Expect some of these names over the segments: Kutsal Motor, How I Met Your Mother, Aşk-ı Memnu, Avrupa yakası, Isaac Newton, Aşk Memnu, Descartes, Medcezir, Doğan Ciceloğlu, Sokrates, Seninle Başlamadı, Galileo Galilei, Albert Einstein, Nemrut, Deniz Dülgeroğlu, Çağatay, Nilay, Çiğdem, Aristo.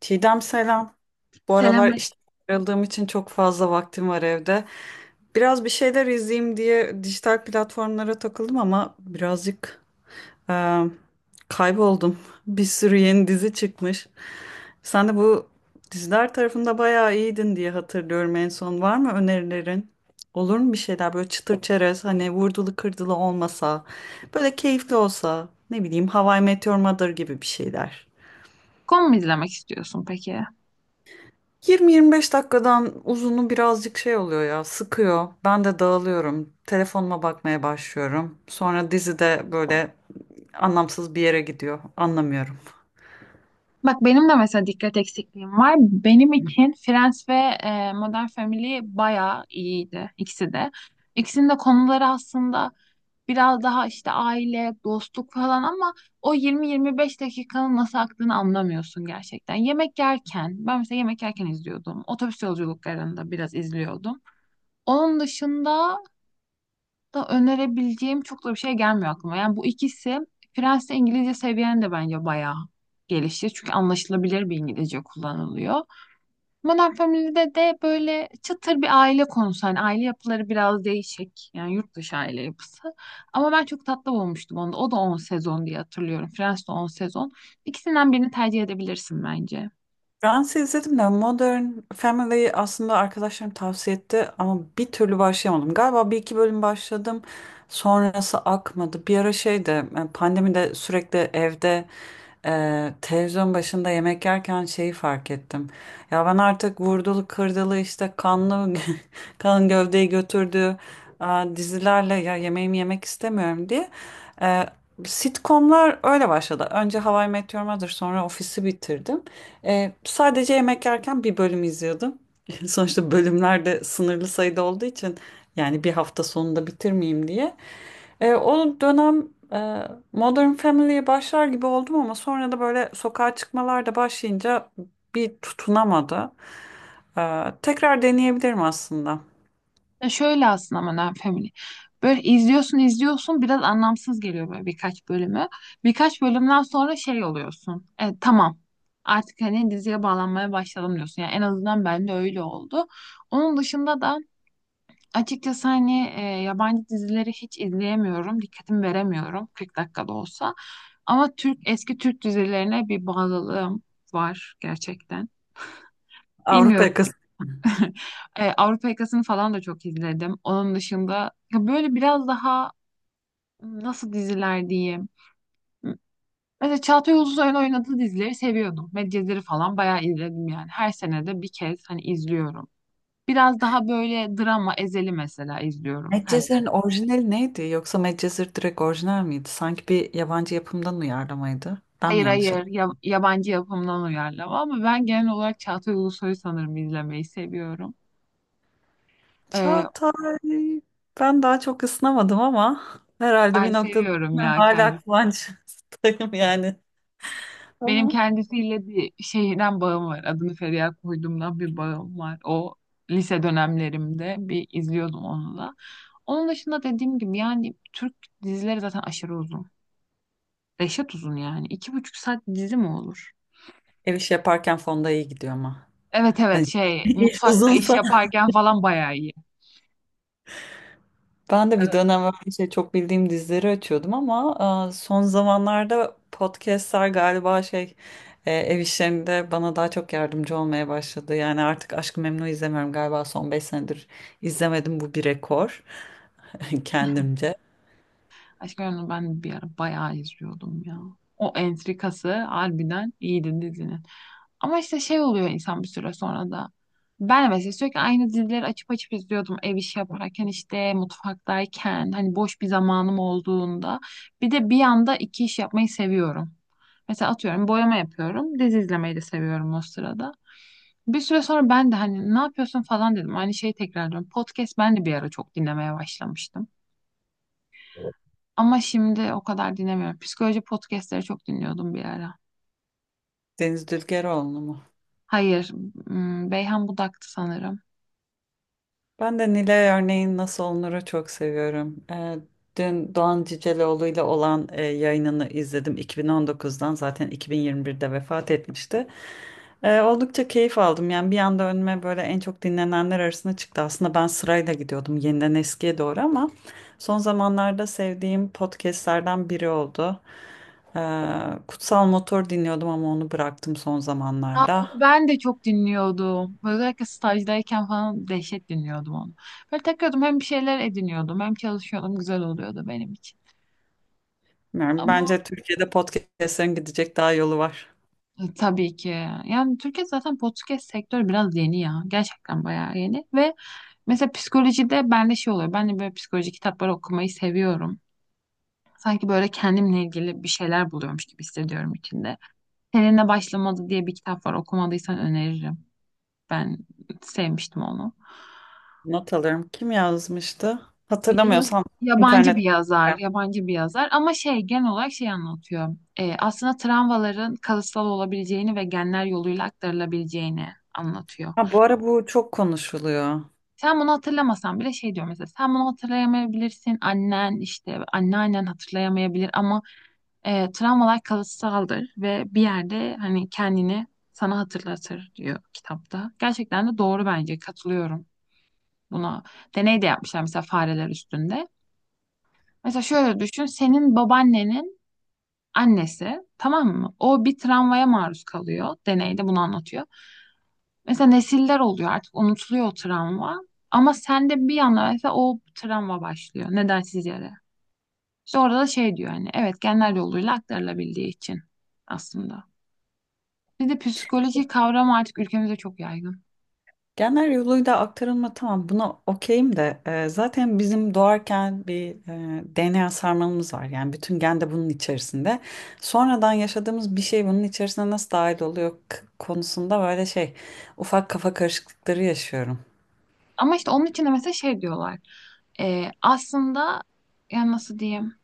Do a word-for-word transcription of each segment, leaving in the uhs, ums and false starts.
Çiğdem selam. Bu aralar Selamünaleyküm işte ayrıldığım için çok fazla vaktim var evde. Biraz bir şeyler izleyeyim diye dijital platformlara takıldım ama birazcık e, kayboldum. Bir sürü yeni dizi çıkmış. Sen de bu diziler tarafında bayağı iyiydin diye hatırlıyorum en son. Var mı önerilerin? Olur mu bir şeyler böyle çıtır çerez, hani vurdulu kırdılı olmasa, böyle keyifli olsa, ne bileyim How I Met Your Mother gibi bir şeyler. mu izlemek istiyorsun peki? Yirmi yirmi beş dakikadan uzunu birazcık şey oluyor ya, sıkıyor. Ben de dağılıyorum. Telefonuma bakmaya başlıyorum. Sonra dizi de böyle anlamsız bir yere gidiyor. Anlamıyorum. Bak benim de mesela dikkat eksikliğim var. Benim için Friends ve e, Modern Family bayağı iyiydi ikisi de. İkisinin de konuları aslında biraz daha işte aile, dostluk falan ama o yirmi yirmi beş dakikanın nasıl aktığını anlamıyorsun gerçekten. Yemek yerken, ben mesela yemek yerken izliyordum. Otobüs yolculuklarında biraz izliyordum. Onun dışında da önerebileceğim çok da bir şey gelmiyor aklıma. Yani bu ikisi Fransızca İngilizce seviyeni de bence bayağı gelişir. Çünkü anlaşılabilir bir İngilizce kullanılıyor. Modern Family'de de böyle çıtır bir aile konusu. Hani aile yapıları biraz değişik. Yani yurt dışı aile yapısı. Ama ben çok tatlı bulmuştum onu da. O da on sezon diye hatırlıyorum. Friends de on sezon. İkisinden birini tercih edebilirsin bence. Friends'i izledim de Modern Family'yi aslında arkadaşlarım tavsiye etti ama bir türlü başlayamadım. Galiba bir iki bölüm başladım, sonrası akmadı. Bir ara şeyde, e, pandemide, sürekli evde e, televizyon başında yemek yerken şeyi fark ettim. Ya ben artık vurdulu kırdılı işte kanlı kan gövdeyi götürdüğü e, dizilerle ya yemeğimi yemek istemiyorum diye. E, Sitcomlar öyle başladı. Önce How I Met Your Mother, sonra Office'i bitirdim. Ee, sadece yemek yerken bir bölüm izliyordum. Sonuçta bölümler de sınırlı sayıda olduğu için, yani bir hafta sonunda bitirmeyeyim diye. Ee, o dönem e, Modern Family'ye başlar gibi oldum ama sonra da böyle sokağa çıkmalar da başlayınca bir tutunamadı. Ee, tekrar deneyebilirim aslında. Ya şöyle aslında Modern Family. Böyle izliyorsun izliyorsun biraz anlamsız geliyor böyle birkaç bölümü. Birkaç bölümden sonra şey oluyorsun. E, tamam artık hani diziye bağlanmaya başladım diyorsun. Yani en azından bende öyle oldu. Onun dışında da açıkçası hani e, yabancı dizileri hiç izleyemiyorum. Dikkatimi veremiyorum kırk dakikada olsa. Ama Türk eski Türk dizilerine bir bağlılığım var gerçekten. Avrupa Bilmiyorum. yakası. E, Avrupa Yakası'nı falan da çok izledim. Onun dışında ya böyle biraz daha nasıl diziler diyeyim. Mesela Çağatay Ulusoy'un oynadığı dizileri seviyordum. Medcezir'i falan bayağı izledim yani. Her sene de bir kez hani izliyorum. Biraz daha böyle drama Ezel'i mesela izliyorum her sene. Medcezir'in orijinali neydi? Yoksa Medcezir direkt orijinal miydi? Sanki bir yabancı yapımdan uyarlamaydı. Ben mi Hayır yanlış... hayır ya- yabancı yapımdan uyarlama ama ben genel olarak Çağatay Ulusoy'u sanırım izlemeyi seviyorum. E, Çağatay, ben daha çok ısınamadım ama herhalde Ben bir noktada seviyorum ya. hala kıvançtayım yani. Benim Ama kendisiyle bir şeyden bağım var. Adını Feriha koyduğumdan bir bağım var. O lise dönemlerimde bir izliyordum onu da. Onun dışında dediğim gibi yani Türk dizileri zaten aşırı uzun. Reşat uzun yani. İki buçuk saat dizi mi olur? ev işi yaparken fonda iyi gidiyor ama. Evet evet Hani şey iş mutfakta iş uzunsa. yaparken falan bayağı iyi. Ben de bir Evet. dönem öyle şey, çok bildiğim dizileri açıyordum ama e, son zamanlarda podcastler galiba şey e, ev işlerinde bana daha çok yardımcı olmaya başladı. Yani artık Aşk-ı Memnu izlemiyorum, galiba son beş senedir izlemedim, bu bir rekor kendimce. Aşk Memnu ben bir ara bayağı izliyordum ya. O entrikası harbiden iyiydi dizinin. Ama işte şey oluyor insan bir süre sonra da. Ben mesela sürekli aynı dizileri açıp açıp izliyordum ev işi yaparken işte mutfaktayken hani boş bir zamanım olduğunda. Bir de bir anda iki iş yapmayı seviyorum. Mesela atıyorum boyama yapıyorum dizi izlemeyi de seviyorum o sırada. Bir süre sonra ben de hani ne yapıyorsun falan dedim. Aynı şeyi tekrarlıyorum. Podcast ben de bir ara çok dinlemeye başlamıştım. Ama şimdi o kadar dinlemiyorum. Psikoloji podcastleri çok dinliyordum bir ara. Deniz Dülgeroğlu mu? Hayır, hmm, Beyhan Budak'tı sanırım. Ben de Nilay örneğin nasıl olunur'u çok seviyorum. Ee, dün Doğan Ciceloğlu ile olan e, yayınını izledim, iki bin on dokuzdan, zaten iki bin yirmi birde vefat etmişti. Ee, oldukça keyif aldım yani, bir anda önüme böyle en çok dinlenenler arasında çıktı. Aslında ben sırayla gidiyordum yeniden eskiye doğru ama son zamanlarda sevdiğim podcastlerden biri oldu. Ee, Kutsal Motor dinliyordum ama onu bıraktım son Aa, zamanlarda. onu ben de çok dinliyordum. Özellikle stajdayken falan dehşet dinliyordum onu. Böyle takıyordum hem bir şeyler ediniyordum hem çalışıyordum. Güzel oluyordu benim için. Yani Ama bence Türkiye'de podcastlerin gidecek daha yolu var. e, tabii ki. Yani Türkiye zaten podcast sektörü biraz yeni ya. Gerçekten bayağı yeni. Ve mesela psikolojide bende şey oluyor. Ben de böyle psikoloji kitapları okumayı seviyorum. Sanki böyle kendimle ilgili bir şeyler buluyormuş gibi hissediyorum içinde. Seninle başlamadı diye bir kitap var. Okumadıysan öneririm. Ben sevmiştim onu. Not alırım. Kim yazmıştı? Yaz- Hatırlamıyorsam Yabancı internet. bir yazar, yabancı bir yazar ama şey genel olarak şey anlatıyor. Ee, aslında travmaların kalıtsal olabileceğini ve genler yoluyla aktarılabileceğini anlatıyor. Ha, bu ara bu çok konuşuluyor. Sen bunu hatırlamasan bile şey diyor mesela sen bunu hatırlayamayabilirsin annen işte anneannen hatırlayamayabilir ama e, travmalar kalıtsaldır ve bir yerde hani kendini sana hatırlatır diyor kitapta. Gerçekten de doğru bence katılıyorum buna. Deney de yapmışlar mesela fareler üstünde. Mesela şöyle düşün senin babaannenin annesi tamam mı? O bir travmaya maruz kalıyor. Deneyde bunu anlatıyor. Mesela nesiller oluyor artık unutuluyor o travma. Ama sende bir anda mesela o travma başlıyor nedensiz yere. İşte orada da şey diyor hani evet genler yoluyla aktarılabildiği için aslında. Bir de psikoloji kavramı artık ülkemizde çok yaygın. Genel yoluyla aktarılma, tamam, buna okeyim de, e, zaten bizim doğarken bir e, D N A sarmalımız var. Yani bütün gen de bunun içerisinde. Sonradan yaşadığımız bir şey bunun içerisine nasıl dahil oluyor k- konusunda, böyle şey, ufak kafa karışıklıkları yaşıyorum. Ama işte onun için de mesela şey diyorlar. Ee, aslında yani nasıl diyeyim?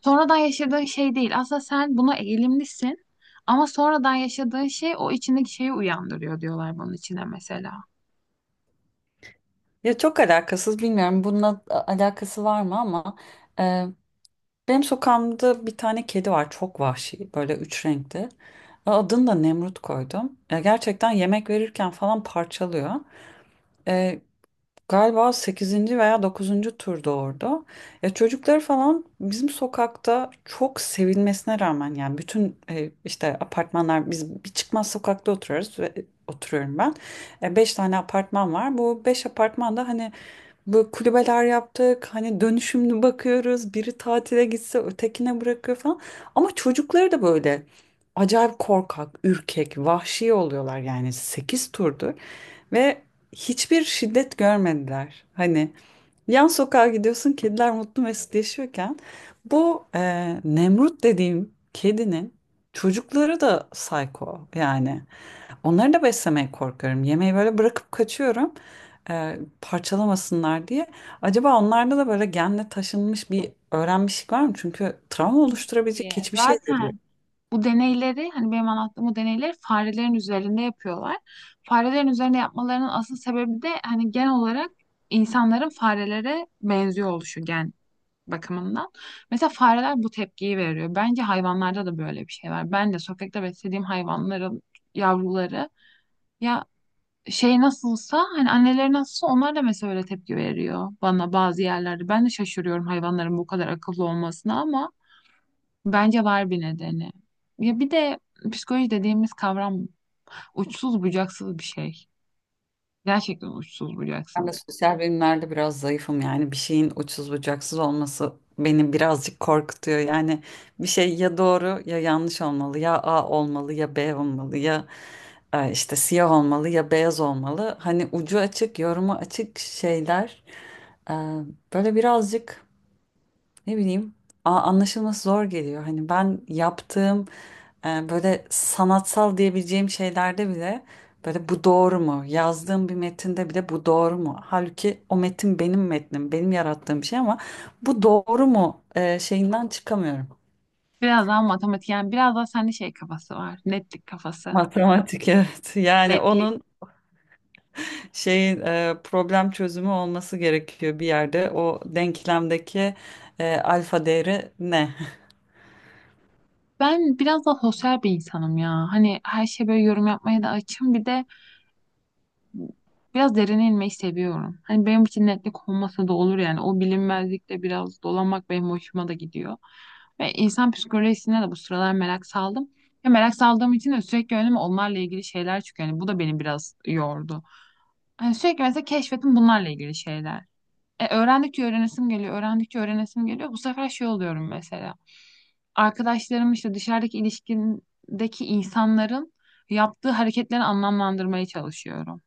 Sonradan yaşadığın şey değil. Aslında sen buna eğilimlisin ama sonradan yaşadığın şey o içindeki şeyi uyandırıyor diyorlar bunun içine mesela. Ya çok alakasız, bilmiyorum bununla a- alakası var mı ama benim sokağımda bir tane kedi var, çok vahşi, böyle üç renkli. E, Adını da Nemrut koydum. Ya gerçekten yemek verirken falan parçalıyor. E, galiba sekizinci veya dokuzuncu tur doğurdu. Ya çocukları falan bizim sokakta çok sevilmesine rağmen, yani bütün e, işte apartmanlar, biz bir çıkmaz sokakta oturuyoruz ve oturuyorum ben. E, beş tane apartman var. Bu beş apartman da hani böyle kulübeler yaptık. Hani dönüşümlü bakıyoruz. Biri tatile gitse ötekine bırakıyor falan. Ama çocukları da böyle acayip korkak, ürkek, vahşi oluyorlar, yani sekiz turdur ve hiçbir şiddet görmediler. Hani yan sokağa gidiyorsun kediler mutlu mesut yaşıyorken, bu e, Nemrut dediğim kedinin çocukları da psycho yani. Onları da beslemeye korkuyorum. Yemeği böyle bırakıp kaçıyorum e, parçalamasınlar diye. Acaba onlarda da böyle genle taşınmış bir öğrenmişlik var mı? Çünkü travma oluşturabilecek Ee, hiçbir şey veriyor. Zaten bu deneyleri hani benim anlattığım bu deneyleri farelerin üzerinde yapıyorlar. Farelerin üzerinde yapmalarının asıl sebebi de hani genel olarak insanların farelere benziyor oluşu gen bakımından. Mesela fareler bu tepkiyi veriyor. Bence hayvanlarda da böyle bir şey var. Ben de sokakta beslediğim hayvanların yavruları ya şey nasılsa hani anneleri nasılsa onlar da mesela öyle tepki veriyor bana bazı yerlerde. Ben de şaşırıyorum hayvanların bu kadar akıllı olmasına ama bence var bir nedeni. Ya bir de psikoloji dediğimiz kavram uçsuz bucaksız bir şey. Gerçekten uçsuz Ben bucaksız. de sosyal bilimlerde biraz zayıfım, yani bir şeyin uçsuz bucaksız olması beni birazcık korkutuyor. Yani bir şey ya doğru ya yanlış olmalı, ya A olmalı ya B olmalı, ya e, işte siyah olmalı ya beyaz olmalı. Hani ucu açık, yorumu açık şeyler e, böyle birazcık, ne bileyim, a- anlaşılması zor geliyor. Hani ben yaptığım e, böyle sanatsal diyebileceğim şeylerde bile, böyle bu doğru mu? Yazdığım bir metinde bile bu doğru mu? Halbuki o metin benim metnim, benim yarattığım bir şey ama bu doğru mu e, şeyinden çıkamıyorum. Biraz daha matematik yani biraz daha sende şey kafası var. Netlik kafası. Matematik evet. Yani Netlik. onun şeyin, e, problem çözümü olması gerekiyor bir yerde. O denklemdeki e, alfa değeri ne? Ben biraz da sosyal bir insanım ya. Hani her şeye böyle yorum yapmaya da açım. Bir de biraz derine inmeyi seviyorum. Hani benim için netlik olmasa da olur yani. O bilinmezlikle biraz dolanmak benim hoşuma da gidiyor. Ve insan psikolojisine de bu sıralar merak saldım. Ya merak saldığım için de sürekli önüme onlarla ilgili şeyler çıkıyor. Yani bu da beni biraz yordu. Hani sürekli mesela keşfettim bunlarla ilgili şeyler. E, öğrendikçe öğrenesim geliyor, öğrendikçe öğrenesim geliyor. Bu sefer şey oluyorum mesela. Arkadaşlarım işte dışarıdaki ilişkindeki insanların yaptığı hareketleri anlamlandırmaya çalışıyorum.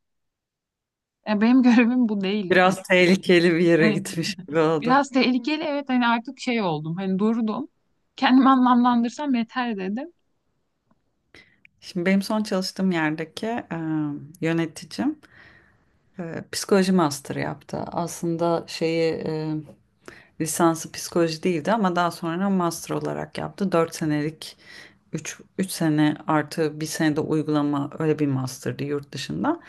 E, benim görevim bu değil. Hani, Biraz tehlikeli bir yere hani gitmiş gibi oldu. biraz tehlikeli evet hani artık şey oldum. Hani durdum. Kendimi anlamlandırsam yeter dedim. Şimdi benim son çalıştığım yerdeki e, yöneticim e, psikoloji master yaptı. Aslında şeyi, e, lisansı psikoloji değildi ama daha sonra master olarak yaptı. Dört senelik, üç üç sene artı bir sene de uygulama, öyle bir master'dı yurt dışında.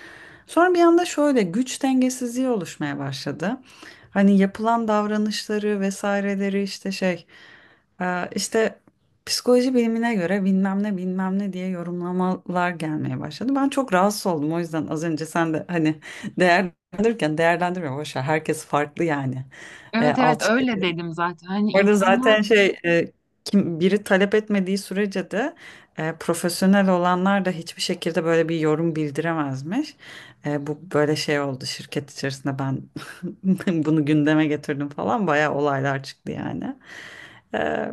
Sonra bir anda şöyle güç dengesizliği oluşmaya başladı. Hani yapılan davranışları vesaireleri, işte şey, e, işte psikoloji bilimine göre bilmem ne bilmem ne diye yorumlamalar gelmeye başladı. Ben çok rahatsız oldum, o yüzden az önce sen de hani değerlendirirken, değerlendirme boş ver, herkes farklı yani. E, Evet evet alt öyle dedim zaten. Hani Orada insanlar. zaten şey, e, kim biri talep etmediği sürece de e, profesyonel olanlar da hiçbir şekilde böyle bir yorum bildiremezmiş. E, bu böyle şey oldu şirket içerisinde, ben bunu gündeme getirdim falan, bayağı olaylar çıktı yani. E,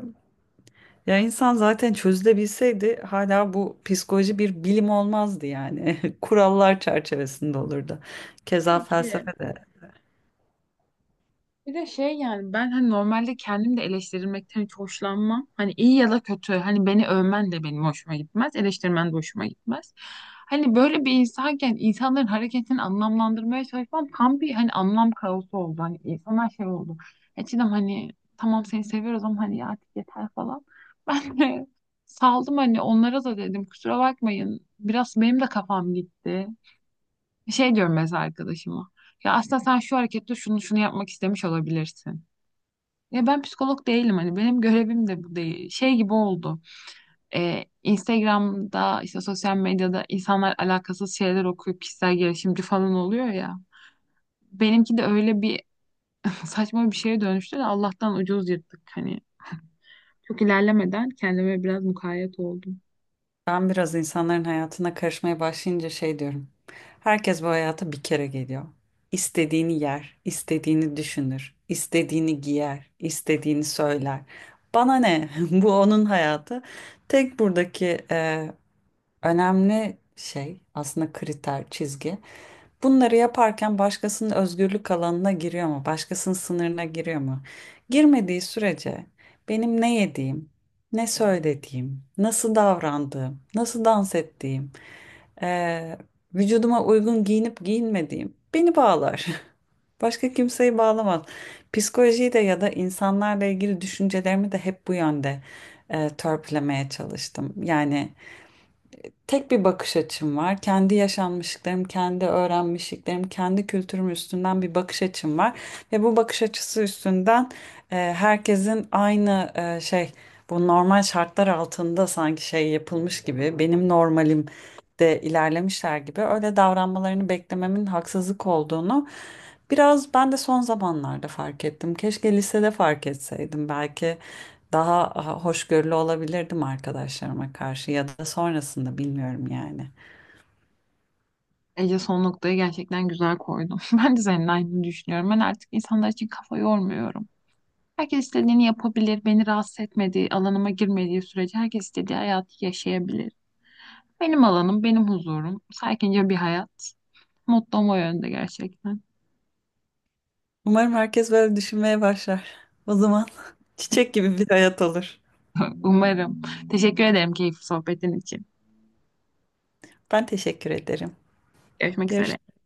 ya insan zaten çözülebilseydi hala bu psikoloji bir bilim olmazdı yani. Kurallar çerçevesinde olurdu. Keza Peki. felsefe de. Bir de şey yani ben hani normalde kendim de eleştirilmekten hiç hoşlanmam. Hani iyi ya da kötü hani beni övmen de benim hoşuma gitmez, eleştirmen de hoşuma gitmez. Hani böyle bir insanken insanların hareketini anlamlandırmaya çalışmam tam bir hani anlam kaosu oldu. Hani insanlar şey oldu. Eskiden hani tamam seni seviyoruz ama hani ya artık yeter falan. Ben de saldım hani onlara da dedim kusura bakmayın. Biraz benim de kafam gitti. Şey diyorum mesela arkadaşıma. Ya aslında sen şu harekette şunu şunu yapmak istemiş olabilirsin. Ya ben psikolog değilim hani benim görevim de bu değil. Şey gibi oldu. Ee, Instagram'da işte sosyal medyada insanlar alakasız şeyler okuyup kişisel gelişimci falan oluyor ya. Benimki de öyle bir saçma bir şeye dönüştü de Allah'tan ucuz yırttık hani. Çok ilerlemeden kendime biraz mukayyet oldum. Ben biraz insanların hayatına karışmaya başlayınca şey diyorum. Herkes bu hayata bir kere geliyor. İstediğini yer, istediğini düşünür, istediğini giyer, istediğini söyler. Bana ne? Bu onun hayatı. Tek buradaki önemli şey aslında kriter, çizgi. Bunları yaparken başkasının özgürlük alanına giriyor mu? Başkasının sınırına giriyor mu? Girmediği sürece benim ne yediğim, ne söylediğim, nasıl davrandığım, nasıl dans ettiğim, eee, vücuduma uygun giyinip giyinmediğim beni bağlar. Başka kimseyi bağlamaz. Psikolojiyi de ya da insanlarla ilgili düşüncelerimi de hep bu yönde eee törpülemeye çalıştım. Yani tek bir bakış açım var. Kendi yaşanmışlıklarım, kendi öğrenmişliklerim, kendi kültürüm üstünden bir bakış açım var. Ve bu bakış açısı üstünden e, herkesin aynı, e, şey, bu normal şartlar altında sanki şey yapılmış gibi, benim normalim de ilerlemişler gibi öyle davranmalarını beklememin haksızlık olduğunu biraz ben de son zamanlarda fark ettim. Keşke lisede fark etseydim belki. Daha hoşgörülü olabilirdim arkadaşlarıma karşı ya da sonrasında, bilmiyorum yani. Ece son noktayı gerçekten güzel koydum. Ben de senin aynı düşünüyorum. Ben artık insanlar için kafa yormuyorum. Herkes istediğini yapabilir, beni rahatsız etmediği, alanıma girmediği sürece herkes istediği hayatı yaşayabilir. Benim alanım, benim huzurum, sakince bir hayat. Mutlu o yönde gerçekten. Umarım herkes böyle düşünmeye başlar. O zaman çiçek gibi bir hayat olur. Umarım. Teşekkür ederim keyifli sohbetin için. Ben teşekkür ederim. Görüşmek üzere. Görüşürüz.